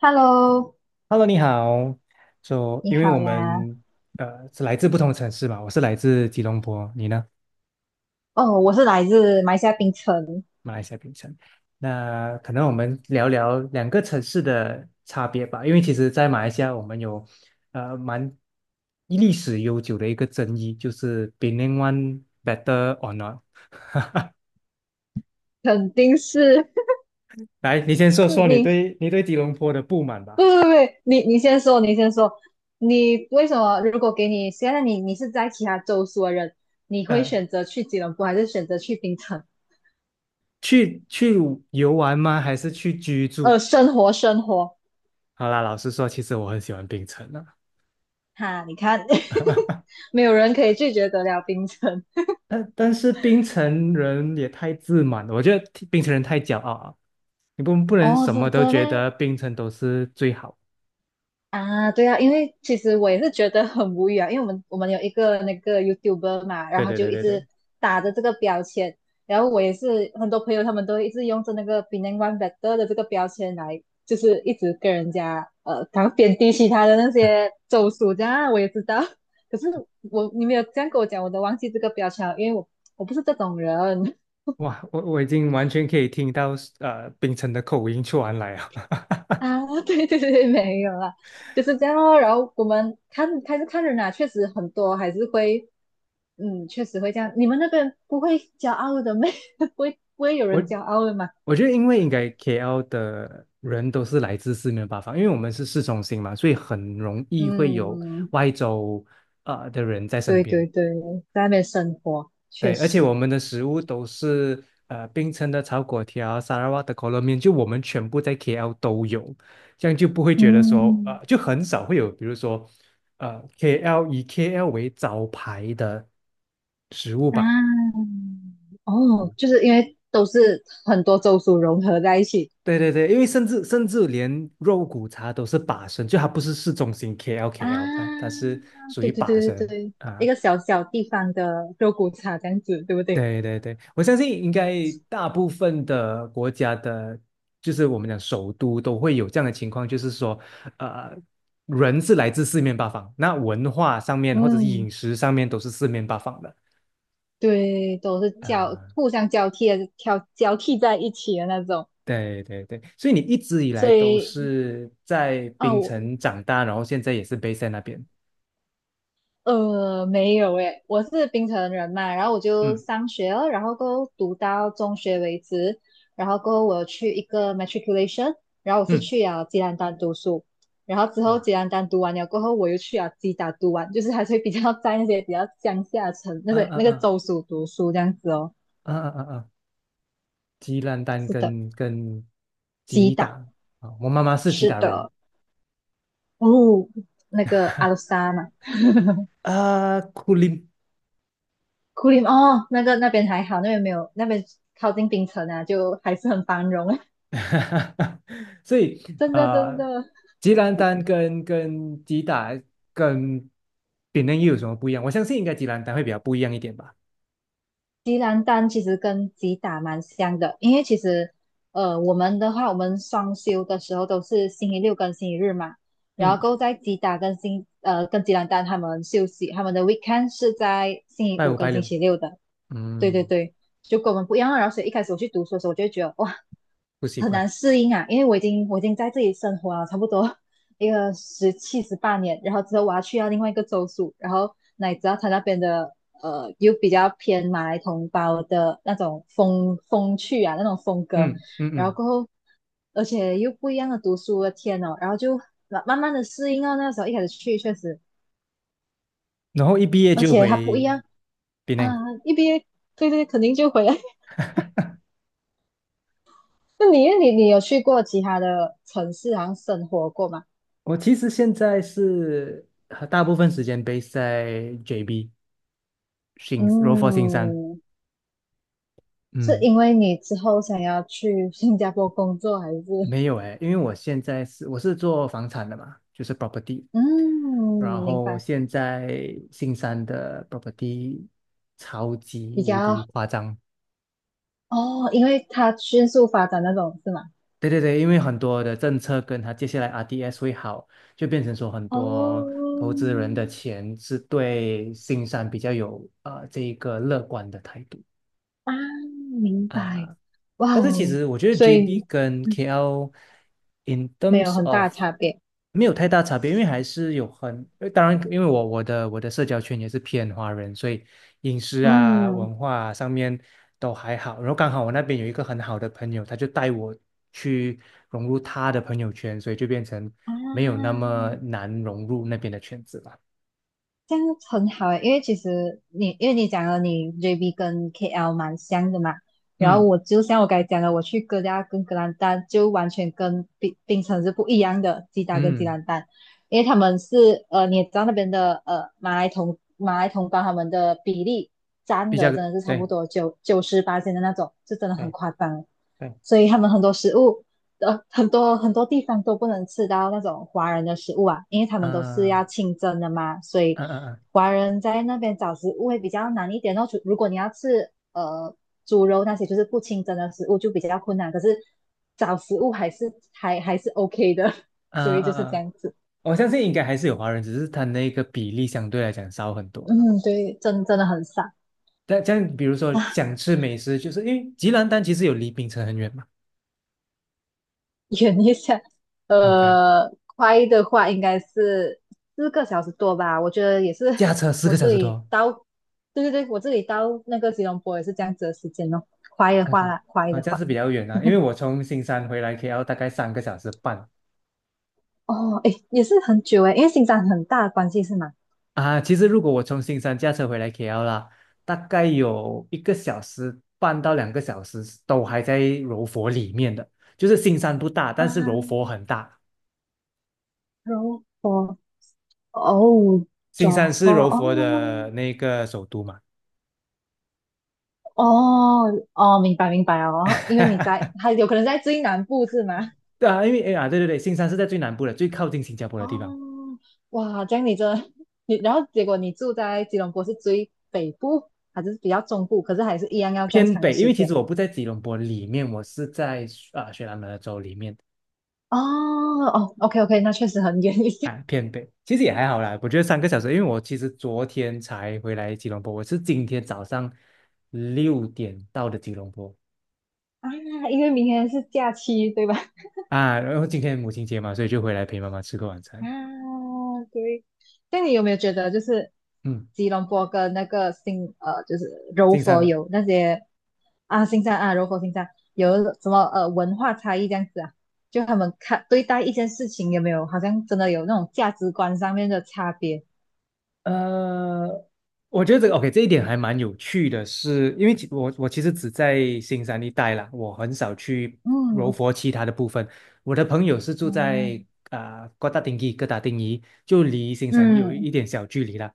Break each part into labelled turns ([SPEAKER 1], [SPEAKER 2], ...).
[SPEAKER 1] Hello，
[SPEAKER 2] Hello，你好。就
[SPEAKER 1] 你
[SPEAKER 2] 因为我
[SPEAKER 1] 好呀。
[SPEAKER 2] 们是来自不同的城市嘛，我是来自吉隆坡，你呢？
[SPEAKER 1] 哦，我是来自马来西亚槟城，
[SPEAKER 2] 马来西亚槟城。那可能我们聊聊两个城市的差别吧，因为其实，在马来西亚我们有蛮历史悠久的一个争议，就是 p e n n g One better or not。
[SPEAKER 1] 肯定是
[SPEAKER 2] 来，你先说 说你
[SPEAKER 1] 你。
[SPEAKER 2] 对你对吉隆坡的不满
[SPEAKER 1] 不
[SPEAKER 2] 吧。
[SPEAKER 1] 不不，你先说，你先说。你为什么？如果给你现在你是在其他州属的人，你会
[SPEAKER 2] 呃，
[SPEAKER 1] 选择去吉隆坡，还是选择去槟城？
[SPEAKER 2] 去游玩吗？还是去居住？
[SPEAKER 1] 生活，
[SPEAKER 2] 好啦，老实说，其实我很喜欢槟城啊。
[SPEAKER 1] 哈，你看，没有人可以拒绝得了槟城。
[SPEAKER 2] 但是槟城人也太自满了，我觉得槟城人太骄傲了，你不能
[SPEAKER 1] 哦，
[SPEAKER 2] 什么
[SPEAKER 1] 是这
[SPEAKER 2] 都
[SPEAKER 1] 的
[SPEAKER 2] 觉
[SPEAKER 1] 咩？
[SPEAKER 2] 得槟城都是最好。
[SPEAKER 1] 啊，对啊，因为其实我也是觉得很无语啊，因为我们有一个那个 YouTuber 嘛，然
[SPEAKER 2] 对
[SPEAKER 1] 后
[SPEAKER 2] 对
[SPEAKER 1] 就
[SPEAKER 2] 对
[SPEAKER 1] 一
[SPEAKER 2] 对对，
[SPEAKER 1] 直打着这个标签，然后我也是很多朋友他们都一直用着那个 b e n a n g One Better 的这个标签来，就是一直跟人家然后贬低其他的那些州属这样啊我也知道，可是我你没有这样跟我讲，我都忘记这个标签了，因为我不是这种人。
[SPEAKER 2] 哇，我已经完全可以听到槟城的口音传来啊。
[SPEAKER 1] 啊，对对对，没有啦，就是这样哦。然后我们看开始看人啊，确实很多还是会，嗯，确实会这样。你们那边不会骄傲的没？不会有
[SPEAKER 2] 我
[SPEAKER 1] 人骄傲的嘛？
[SPEAKER 2] 我觉得因为应该 KL 的人都是来自四面八方，因为我们是市中心嘛，所以很容易会有
[SPEAKER 1] 嗯，
[SPEAKER 2] 外州的人在身
[SPEAKER 1] 对
[SPEAKER 2] 边。
[SPEAKER 1] 对对，在那边生活确
[SPEAKER 2] 对，而且
[SPEAKER 1] 实，
[SPEAKER 2] 我们的食物都是冰城的炒粿条、沙拉瓦的可乐面，就我们全部在 KL 都有，这样就不会觉得说
[SPEAKER 1] 嗯
[SPEAKER 2] 就很少会有，比如说KL 以 KL 为招牌的食物吧。
[SPEAKER 1] 啊，哦，就是因为都是很多州属融合在一起
[SPEAKER 2] 对对对，因为甚至连肉骨茶都是把生，就它不是市中心 KL，它
[SPEAKER 1] 啊，
[SPEAKER 2] 是属
[SPEAKER 1] 对
[SPEAKER 2] 于
[SPEAKER 1] 对
[SPEAKER 2] 把
[SPEAKER 1] 对对
[SPEAKER 2] 生
[SPEAKER 1] 对，一
[SPEAKER 2] 啊。
[SPEAKER 1] 个小小地方的肉骨茶这样子，对不对？
[SPEAKER 2] 对对对，我相信应该大部分的国家的，就是我们讲首都都会有这样的情况，就是说，呃，人是来自四面八方，那文化上面或者是
[SPEAKER 1] 嗯。
[SPEAKER 2] 饮食上面都是四面八方的。
[SPEAKER 1] 对，都是交
[SPEAKER 2] 呃，
[SPEAKER 1] 互相交替的，挑交替在一起的那种。
[SPEAKER 2] 对对对，所以你一直以来
[SPEAKER 1] 所
[SPEAKER 2] 都
[SPEAKER 1] 以
[SPEAKER 2] 是在
[SPEAKER 1] 啊，
[SPEAKER 2] 槟
[SPEAKER 1] 我
[SPEAKER 2] 城长大，然后现在也是 base 在那边。
[SPEAKER 1] 呃没有诶，我是槟城人嘛，然后我就
[SPEAKER 2] 嗯
[SPEAKER 1] 上学了，然后过后读到中学为止，然后过后我去一个 matriculation，然后我是
[SPEAKER 2] 嗯，
[SPEAKER 1] 去了吉兰丹读书，然后之后
[SPEAKER 2] 哇，
[SPEAKER 1] 吉兰丹读完了过后，我又去了吉打读完，就是还是会比较 在那些比较乡下城那
[SPEAKER 2] 嗯
[SPEAKER 1] 个那
[SPEAKER 2] 嗯
[SPEAKER 1] 个
[SPEAKER 2] 嗯
[SPEAKER 1] 州属读书这样子哦。
[SPEAKER 2] 嗯嗯嗯嗯，吉烂丹
[SPEAKER 1] 是的，
[SPEAKER 2] 跟
[SPEAKER 1] 吉
[SPEAKER 2] 吉打
[SPEAKER 1] 打，
[SPEAKER 2] 啊，我妈妈是吉
[SPEAKER 1] 是
[SPEAKER 2] 打人。
[SPEAKER 1] 的。哦，那个阿鲁沙嘛，
[SPEAKER 2] 啊，库林。
[SPEAKER 1] 库里哦，那个那边还好，那边没有，那边靠近冰城啊，就还是很繁荣，
[SPEAKER 2] 所以
[SPEAKER 1] 真的真
[SPEAKER 2] 呃，
[SPEAKER 1] 的。
[SPEAKER 2] 吉兰丹跟吉打跟比嫩又有什么不一样？我相信应该吉兰丹会比较不一样一点吧。
[SPEAKER 1] 吉兰丹其实跟吉打蛮像的，因为其实我们的话，我们双休的时候都是星期六跟星期日嘛，然后
[SPEAKER 2] 嗯，
[SPEAKER 1] 够在吉打跟吉兰丹他们休息，他们的 weekend 是在星期
[SPEAKER 2] 拜
[SPEAKER 1] 五
[SPEAKER 2] 五拜
[SPEAKER 1] 跟星
[SPEAKER 2] 六，
[SPEAKER 1] 期六的，对对
[SPEAKER 2] 嗯，
[SPEAKER 1] 对，就跟我们不一样啊。然后所以一开始我去读书的时候，我就会觉得哇，
[SPEAKER 2] 不习
[SPEAKER 1] 很
[SPEAKER 2] 惯。
[SPEAKER 1] 难适应啊，因为我已经在这里生活了差不多 一个十七十八年，然后之后我要去到另外一个州属，然后乃知道他那边的又比较偏马来同胞的那种风趣啊那种风格，
[SPEAKER 2] 嗯嗯
[SPEAKER 1] 然后
[SPEAKER 2] 嗯，
[SPEAKER 1] 过后而且又不一样的读书的天哦，然后就慢慢的适应到那时候一开始去确实，
[SPEAKER 2] 然后一毕业
[SPEAKER 1] 而
[SPEAKER 2] 就
[SPEAKER 1] 且它不一
[SPEAKER 2] 回
[SPEAKER 1] 样
[SPEAKER 2] 比
[SPEAKER 1] 啊，
[SPEAKER 2] 嫩。
[SPEAKER 1] 一毕业对对肯定就回来。那你有去过其他的城市，好像生活过吗？
[SPEAKER 2] 我其实现在是大部分时间 base 在 JB 新罗佛新山。
[SPEAKER 1] 嗯，是
[SPEAKER 2] 嗯。
[SPEAKER 1] 因为你之后想要去新加坡工作，还是
[SPEAKER 2] 没有哎，因为我现在是我是做房产的嘛，就是 property,
[SPEAKER 1] 嗯，
[SPEAKER 2] 然
[SPEAKER 1] 明
[SPEAKER 2] 后
[SPEAKER 1] 白，
[SPEAKER 2] 现在新山的 property 超级
[SPEAKER 1] 比
[SPEAKER 2] 无敌
[SPEAKER 1] 较
[SPEAKER 2] 夸张。
[SPEAKER 1] 哦，因为它迅速发展那种是吗？
[SPEAKER 2] 对对对，因为很多的政策跟它接下来 RDS 会好，就变成说很多
[SPEAKER 1] 哦，
[SPEAKER 2] 投资人的钱是对新山比较有这一个乐观的态度。
[SPEAKER 1] 啊，明白，
[SPEAKER 2] 啊，
[SPEAKER 1] 哇
[SPEAKER 2] 但是其
[SPEAKER 1] 哦，
[SPEAKER 2] 实我觉得
[SPEAKER 1] 所以
[SPEAKER 2] JB 跟
[SPEAKER 1] 嗯
[SPEAKER 2] KL in
[SPEAKER 1] 没有
[SPEAKER 2] terms
[SPEAKER 1] 很大
[SPEAKER 2] of
[SPEAKER 1] 差别，
[SPEAKER 2] 没有太大差别，因为还是有很，当然，因为我的社交圈也是偏华人，所以饮食啊、
[SPEAKER 1] 嗯
[SPEAKER 2] 文化啊上面都还好。然后刚好我那边有一个很好的朋友，他就带我去融入他的朋友圈，所以就变成没有那
[SPEAKER 1] 啊，
[SPEAKER 2] 么难融入那边的圈子了。
[SPEAKER 1] 这样很好诶，因为其实你因为你讲了你 JB 跟 KL 蛮像的嘛，然后
[SPEAKER 2] 嗯
[SPEAKER 1] 我就像我刚才讲的，我去哥家跟格兰丹就完全跟冰城是不一样的，吉打跟吉
[SPEAKER 2] 嗯，
[SPEAKER 1] 兰丹，因为他们是你也知道那边的马来同胞他们的比例占
[SPEAKER 2] 比较
[SPEAKER 1] 的真的是差不
[SPEAKER 2] 对
[SPEAKER 1] 多九九十八斤的那种，就真的很
[SPEAKER 2] 对
[SPEAKER 1] 夸张，
[SPEAKER 2] 对，
[SPEAKER 1] 所以他们很多食物很多地方都不能吃到那种华人的食物啊，因为他们都是
[SPEAKER 2] 啊
[SPEAKER 1] 要清蒸的嘛，所以
[SPEAKER 2] 啊啊啊
[SPEAKER 1] 华人在那边找食物会比较难一点哦。除如果你要吃猪肉那些就是不清蒸的食物就比较困难，可是找食物还是 OK 的，
[SPEAKER 2] 啊
[SPEAKER 1] 所以
[SPEAKER 2] 啊
[SPEAKER 1] 就是这
[SPEAKER 2] 啊。
[SPEAKER 1] 样子。
[SPEAKER 2] 我相信应该还是有华人，只是他那个比例相对来讲少很多了。
[SPEAKER 1] 嗯，对，真真的很少。
[SPEAKER 2] 但这样，比如说
[SPEAKER 1] 啊。
[SPEAKER 2] 想吃美食，就是因为吉兰丹其实有离槟城很远嘛
[SPEAKER 1] 远一下，
[SPEAKER 2] ，OK,
[SPEAKER 1] 快的话应该是四个小时多吧。我觉得也是，
[SPEAKER 2] 驾车四
[SPEAKER 1] 我
[SPEAKER 2] 个小
[SPEAKER 1] 这
[SPEAKER 2] 时
[SPEAKER 1] 里
[SPEAKER 2] 多
[SPEAKER 1] 到，对对对，我这里到那个吉隆坡也是这样子的时间哦。快的
[SPEAKER 2] ，OK,
[SPEAKER 1] 话啦，快
[SPEAKER 2] 啊，
[SPEAKER 1] 的
[SPEAKER 2] 这样
[SPEAKER 1] 话，
[SPEAKER 2] 是比较远啊。因为我从新山回来 k 要大概3个小时半
[SPEAKER 1] 哦，诶，也是很久诶，因为新疆很大的关系是吗？
[SPEAKER 2] 啊。其实如果我从新山驾车回来 KL 啦，大概有1个小时半到2个小时都还在柔佛里面的，就是新山不大，
[SPEAKER 1] 啊，
[SPEAKER 2] 但是柔佛很大。
[SPEAKER 1] 柔佛，哦 j
[SPEAKER 2] 新山
[SPEAKER 1] o
[SPEAKER 2] 是柔
[SPEAKER 1] 哦，
[SPEAKER 2] 佛的那个首都嘛。
[SPEAKER 1] 哦，哦，明白明白哦，因为你 在，还有可能在最南部是吗？
[SPEAKER 2] 对啊，因为哎呀，对对对，新山是在最南部的，最靠近新加坡的地方，
[SPEAKER 1] 哦，哇，这样你真的 你，然后结果你住在吉隆坡是最北部，还是比较中部，可是还是一样要这样
[SPEAKER 2] 偏
[SPEAKER 1] 长的
[SPEAKER 2] 北。因
[SPEAKER 1] 时
[SPEAKER 2] 为其
[SPEAKER 1] 间。
[SPEAKER 2] 实我不在吉隆坡里面，我是在雪兰莪州里面
[SPEAKER 1] 哦哦，OK OK，那确实很远一些
[SPEAKER 2] 啊偏北。其实也还好啦，我觉得三个小时，因为我其实昨天才回来吉隆坡，我是今天早上6点到的吉隆坡
[SPEAKER 1] 啊，因为明天是假期，对吧？
[SPEAKER 2] 啊，然后今天母亲节嘛，所以就回来陪妈妈吃个晚
[SPEAKER 1] 啊，
[SPEAKER 2] 餐。
[SPEAKER 1] 对。那你有没有觉得，就是
[SPEAKER 2] 嗯，
[SPEAKER 1] 吉隆坡跟那个，就是柔
[SPEAKER 2] 进山
[SPEAKER 1] 佛
[SPEAKER 2] 吧。
[SPEAKER 1] 有那些啊，新山啊，柔佛新山有什么文化差异这样子啊？就他们看对待一件事情有没有，好像真的有那种价值观上面的差别？
[SPEAKER 2] 呃，我觉得这个 OK,这一点还蛮有趣的是，因为我其实只在新山一带啦，我很少去柔
[SPEAKER 1] 嗯
[SPEAKER 2] 佛其他的部分。我的朋友是住在
[SPEAKER 1] 嗯
[SPEAKER 2] 哥打丁基、哥打丁尼，就离新山有
[SPEAKER 1] 嗯。
[SPEAKER 2] 一点小距离啦。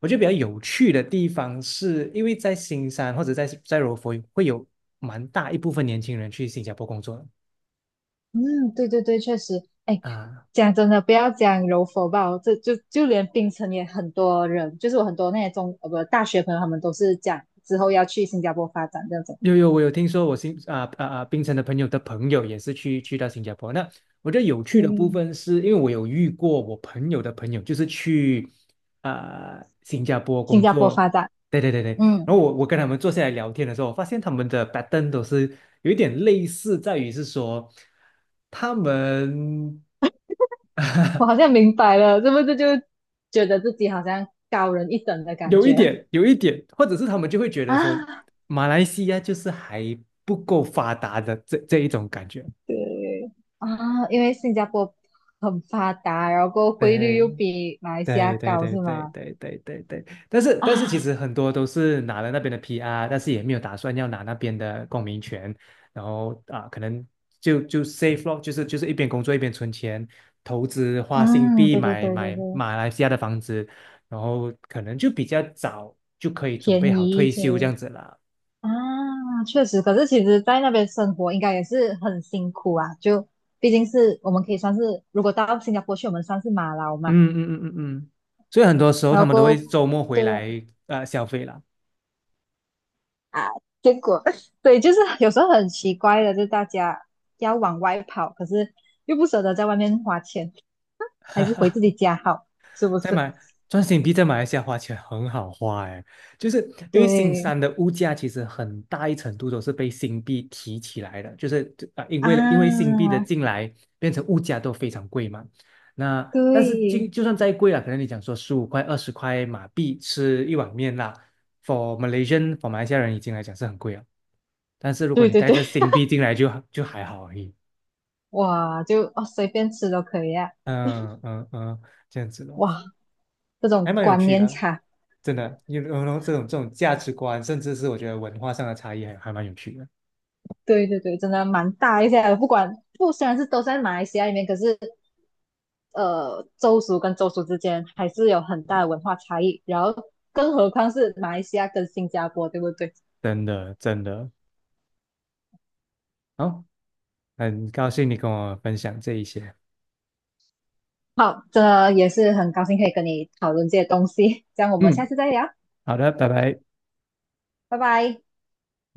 [SPEAKER 2] 我觉得比较有趣的地方是，因为在新山或者在柔佛会有蛮大一部分年轻人去新加坡工作
[SPEAKER 1] 嗯，对对对，确实，哎，
[SPEAKER 2] 啊、
[SPEAKER 1] 讲真的，不要讲柔佛吧，这就就连槟城也很多人，就是我很多那些中呃不大学朋友，他们都是讲之后要去新加坡发展这种，
[SPEAKER 2] 有，我有听说我新啊啊啊，槟城的朋友的朋友也是去到新加坡。那我觉得有趣的部
[SPEAKER 1] 对，
[SPEAKER 2] 分是，因为我有遇过我朋友的朋友，就是去新加坡
[SPEAKER 1] 新
[SPEAKER 2] 工
[SPEAKER 1] 加坡发
[SPEAKER 2] 作。
[SPEAKER 1] 展，
[SPEAKER 2] 对对对对，然后
[SPEAKER 1] 嗯，
[SPEAKER 2] 我跟他们坐下来聊天的时候，我发现他们的 pattern 都是有一点类似，在于是说他们。
[SPEAKER 1] 我好像 明白了，是不是就觉得自己好像高人一等的感
[SPEAKER 2] 有一
[SPEAKER 1] 觉
[SPEAKER 2] 点有一点，或者是他们就会觉 得说
[SPEAKER 1] 啊
[SPEAKER 2] 马来西亚就是还不够发达的这一种感觉。
[SPEAKER 1] 对，啊，因为新加坡很发达，然后汇率
[SPEAKER 2] 对
[SPEAKER 1] 又比马来西亚
[SPEAKER 2] 对对
[SPEAKER 1] 高，
[SPEAKER 2] 对
[SPEAKER 1] 是
[SPEAKER 2] 对
[SPEAKER 1] 吗？
[SPEAKER 2] 对对对对，但是其
[SPEAKER 1] 啊，
[SPEAKER 2] 实很多都是拿了那边的 PR,但是也没有打算要拿那边的公民权，然后啊，可能就 s a f e 咯，就是一边工作一边存钱，投资花新
[SPEAKER 1] 嗯，
[SPEAKER 2] 币
[SPEAKER 1] 对对
[SPEAKER 2] 买
[SPEAKER 1] 对对
[SPEAKER 2] 买
[SPEAKER 1] 对，
[SPEAKER 2] 马来西亚的房子，然后可能就比较早就可以准备
[SPEAKER 1] 便
[SPEAKER 2] 好
[SPEAKER 1] 宜一
[SPEAKER 2] 退
[SPEAKER 1] 些。
[SPEAKER 2] 休这样子啦。
[SPEAKER 1] 啊，确实，可是其实，在那边生活应该也是很辛苦啊。就毕竟是我们可以算是，如果到新加坡去，我们算是马劳嘛。
[SPEAKER 2] 嗯嗯嗯嗯嗯，所以很多时候
[SPEAKER 1] 然
[SPEAKER 2] 他
[SPEAKER 1] 后
[SPEAKER 2] 们都
[SPEAKER 1] 过
[SPEAKER 2] 会
[SPEAKER 1] 后，
[SPEAKER 2] 周末回
[SPEAKER 1] 对呀
[SPEAKER 2] 来消费啦。
[SPEAKER 1] 啊，啊结果 对，就是 有时候很奇怪的，就大家要往外跑，可是又不舍得在外面花钱，还是回自己家好，是不
[SPEAKER 2] 在
[SPEAKER 1] 是？
[SPEAKER 2] 马赚新币在马来西亚花钱很好花哎，就是因为新
[SPEAKER 1] 对
[SPEAKER 2] 山的物价其实很大一程度都是被新币提起来的，就是因为新
[SPEAKER 1] 啊，
[SPEAKER 2] 币的进来变成物价都非常贵嘛。那但是就
[SPEAKER 1] 对
[SPEAKER 2] 就算再贵了，可能你讲说15块20块马币吃一碗面啦，for 马来西亚人已经来讲是很贵了，但是如果
[SPEAKER 1] 对
[SPEAKER 2] 你
[SPEAKER 1] 对
[SPEAKER 2] 带
[SPEAKER 1] 对，
[SPEAKER 2] 着新币进来就还好而已，
[SPEAKER 1] 哇，就哦随便吃都可以啊，
[SPEAKER 2] 嗯嗯嗯，这样子咯，
[SPEAKER 1] 哇，这
[SPEAKER 2] 还
[SPEAKER 1] 种
[SPEAKER 2] 蛮有
[SPEAKER 1] 观
[SPEAKER 2] 趣
[SPEAKER 1] 念
[SPEAKER 2] 的。
[SPEAKER 1] 差。
[SPEAKER 2] 真的，有这种价值观，甚至是我觉得文化上的差异还蛮有趣的，
[SPEAKER 1] 对对对，真的蛮大一些。的。不管不虽然是都在马来西亚里面，可是州属跟州属之间还是有很大的文化差异。然后，更何况是马来西亚跟新加坡，对不对？
[SPEAKER 2] 真的真的。好，很高兴你跟我分享这一些。
[SPEAKER 1] 好，这也是很高兴可以跟你讨论这些东西。这样我们下
[SPEAKER 2] 嗯，
[SPEAKER 1] 次再聊，
[SPEAKER 2] 好的，拜拜。
[SPEAKER 1] 拜拜。